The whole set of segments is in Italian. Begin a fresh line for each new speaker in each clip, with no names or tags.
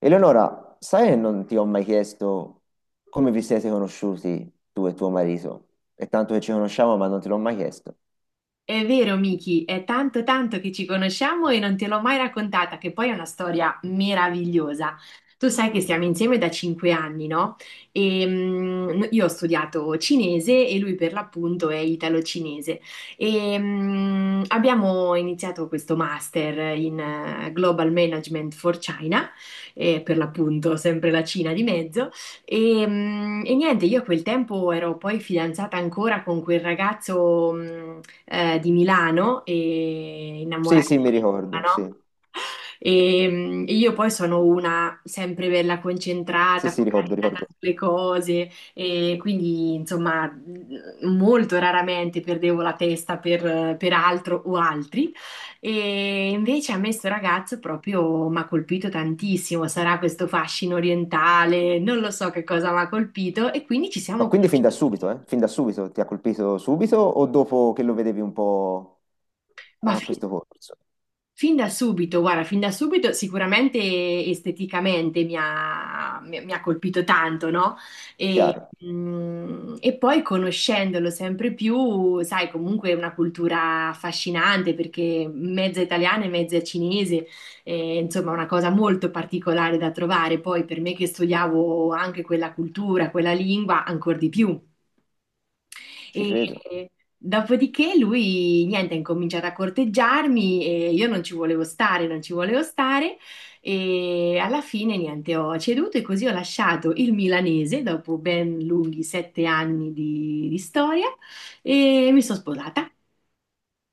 Eleonora, sai che non ti ho mai chiesto come vi siete conosciuti tu e tuo marito? È tanto che ci conosciamo, ma non te l'ho mai chiesto.
È vero, Miki, è tanto tanto che ci conosciamo e non te l'ho mai raccontata, che poi è una storia meravigliosa. Tu sai che stiamo insieme da 5 anni, no? Io ho studiato cinese e lui per l'appunto è italo-cinese. Abbiamo iniziato questo master in Global Management for China, e per l'appunto sempre la Cina di mezzo. E niente, io a quel tempo ero poi fidanzata ancora con quel ragazzo, di Milano e
Sì, sì, mi
innamoratissima,
ricordo,
no?
sì.
E io poi sono una sempre bella
Sì,
concentrata,
sì, ricordo,
focalizzata
ricordo.
sulle cose e quindi insomma molto raramente perdevo la testa per altro o altri, e invece a me sto ragazzo proprio mi ha colpito tantissimo. Sarà questo fascino orientale, non lo so che cosa mi ha colpito, e quindi ci
Ma
siamo
quindi fin
conosciuti.
da subito, eh? Fin da subito ti ha colpito subito o dopo che lo vedevi un po'
Ma
a
fin
questo corso?
Fin da subito, guarda, fin da subito sicuramente esteticamente mi ha colpito tanto, no? E,
Chiaro,
e poi conoscendolo sempre più, sai, comunque è una cultura affascinante perché mezza italiana e mezza cinese, insomma, una cosa molto particolare da trovare. Poi per me che studiavo anche quella cultura, quella lingua, ancora di più.
ci
E
credo.
dopodiché lui, niente, ha incominciato a corteggiarmi e io non ci volevo stare, e alla fine, niente, ho ceduto e così ho lasciato il milanese dopo ben lunghi 7 anni di storia, e mi sono sposata.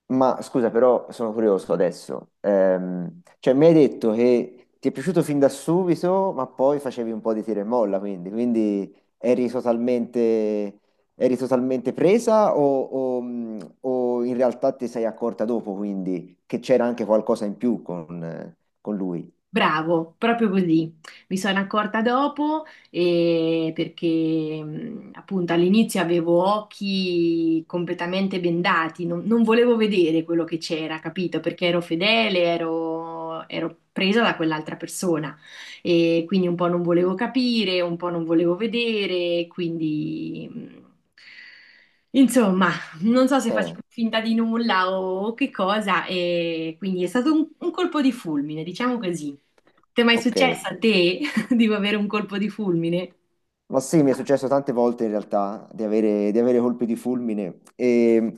Ma scusa, però sono curioso adesso. Cioè, mi hai detto che ti è piaciuto fin da subito, ma poi facevi un po' di tira e molla, quindi, quindi eri totalmente presa o in realtà ti sei accorta dopo, quindi, che c'era anche qualcosa in più con lui?
Bravo, proprio così. Mi sono accorta dopo, perché appunto all'inizio avevo occhi completamente bendati. Non volevo vedere quello che c'era, capito? Perché ero fedele, ero presa da quell'altra persona, e quindi un po' non volevo capire, un po' non volevo vedere, quindi insomma, non so se
Eh,
faccio finta di nulla o che cosa, e quindi è stato un colpo di fulmine, diciamo così. Ti è mai
ok.
successo a te di avere un colpo di fulmine?
Ma sì, mi è successo tante volte in realtà di avere colpi di fulmine e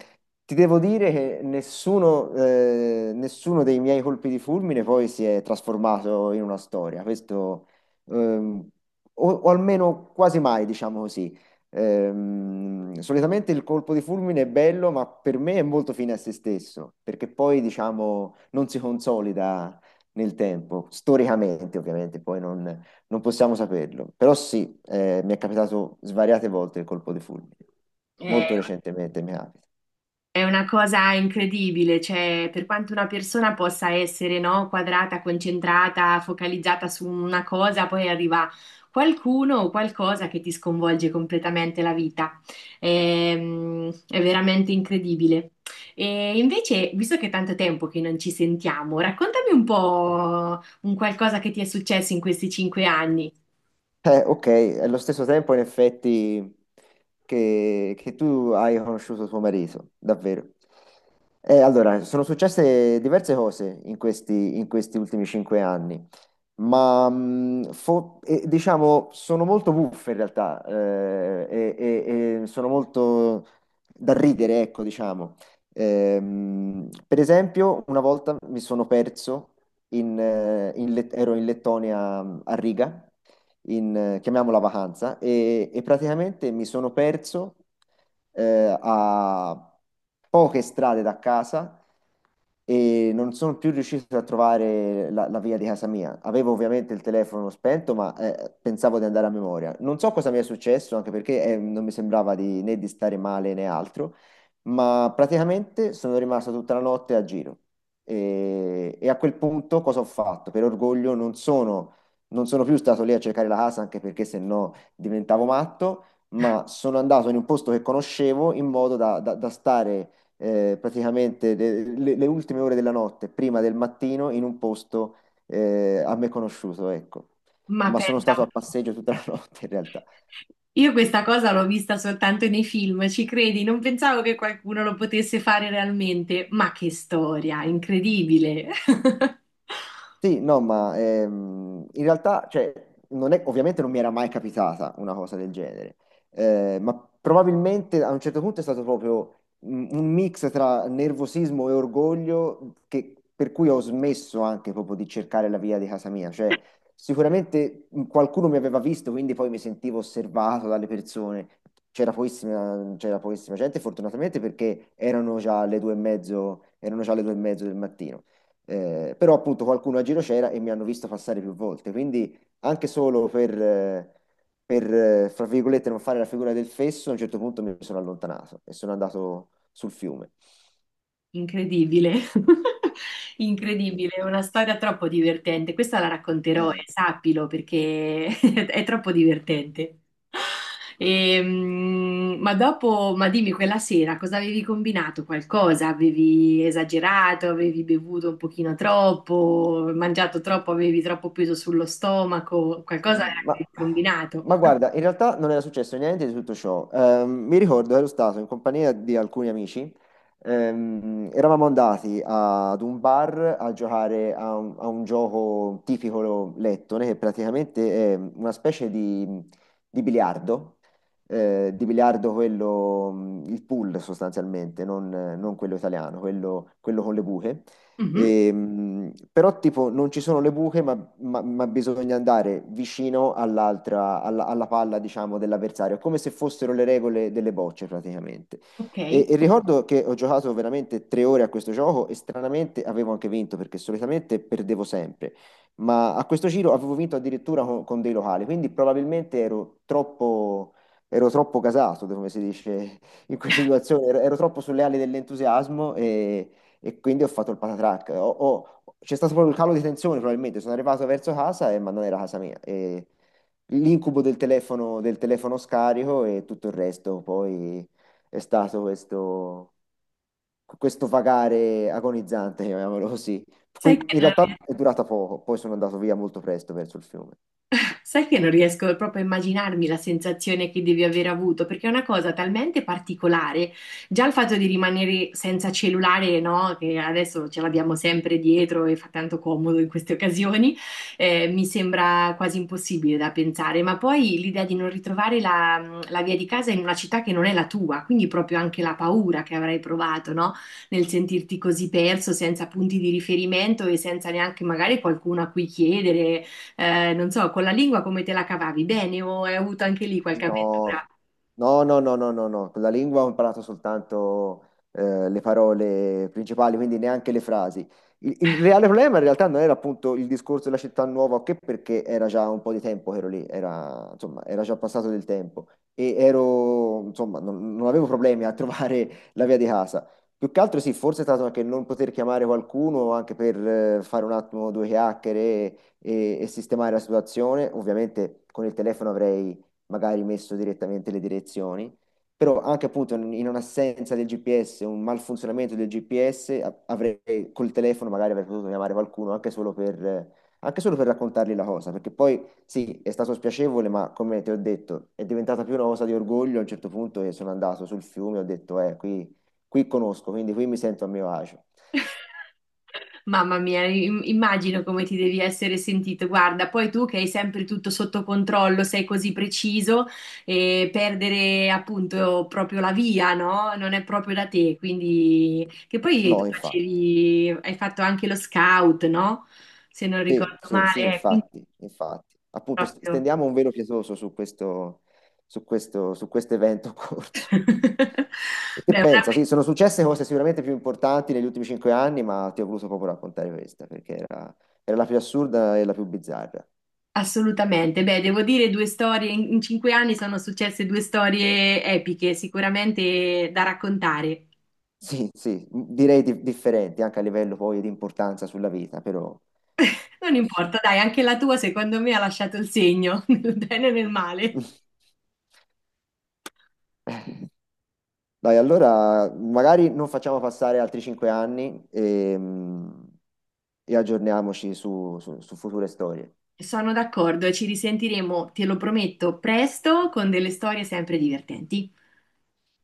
ti devo dire che nessuno, nessuno dei miei colpi di fulmine poi si è trasformato in una storia, questo ehm, o almeno quasi mai, diciamo così. Solitamente il colpo di fulmine è bello, ma per me è molto fine a se stesso, perché poi diciamo non si consolida nel tempo, storicamente ovviamente, poi non possiamo saperlo, però sì, mi è capitato svariate volte il colpo di fulmine,
È,
molto recentemente mi capita.
è una cosa incredibile, cioè per quanto una persona possa essere, no, quadrata, concentrata, focalizzata su una cosa, poi arriva qualcuno o qualcosa che ti sconvolge completamente la vita. È veramente incredibile. E invece, visto che è tanto tempo che non ci sentiamo, raccontami un po' un qualcosa che ti è successo in questi 5 anni.
Ok, allo stesso tempo in effetti che tu hai conosciuto tuo marito, davvero. Allora, sono successe diverse cose in questi ultimi cinque anni. Ma diciamo sono molto buffe in realtà e, e sono molto da ridere, ecco, diciamo. Per esempio, una volta mi sono perso in, ero in Lettonia a Riga, in, chiamiamola vacanza, e praticamente mi sono perso a poche strade da casa e non sono più riuscito a trovare la, la via di casa mia. Avevo ovviamente il telefono spento, ma pensavo di andare a memoria. Non so cosa mi è successo, anche perché non mi sembrava di, né di stare male né altro, ma praticamente sono rimasto tutta la notte a giro. E a quel punto cosa ho fatto? Per orgoglio non sono, non sono più stato lì a cercare la casa, anche perché se no diventavo matto, ma sono andato in un posto che conoscevo in modo da, da stare praticamente le, le ultime ore della notte, prima del mattino, in un posto a me conosciuto, ecco.
Ma
Ma sono
pensa
stato
un
a
po'.
passeggio tutta la notte in realtà.
Io questa cosa l'ho vista soltanto nei film, ci credi? Non pensavo che qualcuno lo potesse fare realmente, ma che storia, incredibile!
Sì, no, ma in realtà, cioè, non è- ovviamente non mi era mai capitata una cosa del genere, ma probabilmente a un certo punto è stato proprio un mix tra nervosismo e orgoglio per cui ho smesso anche proprio di cercare la via di casa mia. Cioè, sicuramente qualcuno mi aveva visto, quindi poi mi sentivo osservato dalle persone. C'era pochissima gente, fortunatamente, perché erano già le due e mezzo, erano già le due e mezzo del mattino. Però appunto qualcuno a giro c'era e mi hanno visto passare più volte, quindi anche solo per, per, fra virgolette, non fare la figura del fesso, a un certo punto mi sono allontanato e sono andato sul fiume.
Incredibile,
Sì.
incredibile, è una storia troppo divertente. Questa la racconterò, e
Eh,
sappilo, perché è troppo divertente. Ma dopo, ma dimmi, quella sera cosa avevi combinato? Qualcosa? Avevi esagerato? Avevi bevuto un pochino troppo? Mangiato troppo? Avevi troppo peso sullo stomaco? Qualcosa
Mm, Ma,
avevi combinato?
ma guarda, in realtà non era successo niente di tutto ciò. Mi ricordo, ero stato in compagnia di alcuni amici, eravamo andati ad un bar a giocare a un gioco tipico lettone, che praticamente è una specie di biliardo, di biliardo quello, il pool sostanzialmente, non, non quello italiano, quello con le buche.
Mhm.
E, però tipo non ci sono le buche, ma, ma bisogna andare vicino all'altra, alla, alla palla, diciamo, dell'avversario, come se fossero le regole delle bocce praticamente.
Ok.
E ricordo che ho giocato veramente tre ore a questo gioco e stranamente avevo anche vinto perché solitamente perdevo sempre, ma a questo giro avevo vinto addirittura con dei locali, quindi probabilmente ero troppo gasato, come si dice in questa situazione, ero, ero troppo sulle ali dell'entusiasmo e quindi ho fatto il patatrack. C'è stato proprio il calo di tensione, probabilmente. Sono arrivato verso casa e ma non era casa mia. E l'incubo del telefono scarico e tutto il resto poi è stato questo, questo vagare agonizzante, chiamiamolo così.
Sai
Qui
che
in
non
realtà è durata poco, poi sono andato via molto presto verso il fiume.
Sai che non riesco proprio a immaginarmi la sensazione che devi aver avuto, perché è una cosa talmente particolare. Già il fatto di rimanere senza cellulare, no, che adesso ce l'abbiamo sempre dietro e fa tanto comodo in queste occasioni, mi sembra quasi impossibile da pensare. Ma poi l'idea di non ritrovare la via di casa in una città che non è la tua, quindi proprio anche la paura che avrai provato, no? Nel sentirti così perso, senza punti di riferimento e senza neanche magari qualcuno a cui chiedere, non so, con la lingua come te la cavavi? Bene o hai avuto anche lì qualche avventura?
No, no, no, no, no, no, no. Con la lingua ho imparato soltanto le parole principali, quindi neanche le frasi. Il reale problema in realtà non era appunto il discorso della città nuova, o che perché era già un po' di tempo che ero lì, era, insomma, era già passato del tempo e ero, insomma, non, non avevo problemi a trovare la via di casa. Più che altro sì, forse è stato anche non poter chiamare qualcuno anche per fare un attimo due chiacchiere e sistemare la situazione. Ovviamente con il telefono avrei magari messo direttamente le direzioni, però anche appunto in un'assenza del GPS, un malfunzionamento del GPS, avrei col telefono magari avrei potuto chiamare qualcuno anche solo per raccontargli la cosa, perché poi sì, è stato spiacevole, ma come ti ho detto, è diventata più una cosa di orgoglio a un certo punto e sono andato sul fiume e ho detto, qui, qui conosco, quindi qui mi sento a mio agio.
Mamma mia, immagino come ti devi essere sentito. Guarda, poi tu che hai sempre tutto sotto controllo, sei così preciso, e perdere appunto proprio la via, no? Non è proprio da te, quindi... Che poi tu
No, infatti.
facevi, hai fatto anche lo scout, no? Se non
Sì,
ricordo
sì, sì,
male, quindi
infatti, infatti. Appunto,
proprio...
stendiamo un velo pietoso su questo, su questo, su questo evento corso. E che
Beh, una
pensa? Sì, sono successe cose sicuramente più importanti negli ultimi cinque anni, ma ti ho voluto proprio raccontare questa, perché era, era la più assurda e la più bizzarra.
Assolutamente, beh, devo dire due storie. In 5 anni sono successe due storie epiche, sicuramente da raccontare.
Sì, sì, direi differenti anche a livello poi di importanza sulla vita, però,
Non
però sì.
importa, dai, anche la tua secondo me ha lasciato il segno, nel bene e nel male.
Dai, allora magari non facciamo passare altri cinque anni e, e aggiorniamoci su, su su future storie.
Sono d'accordo, ci risentiremo, te lo prometto, presto con delle storie sempre divertenti.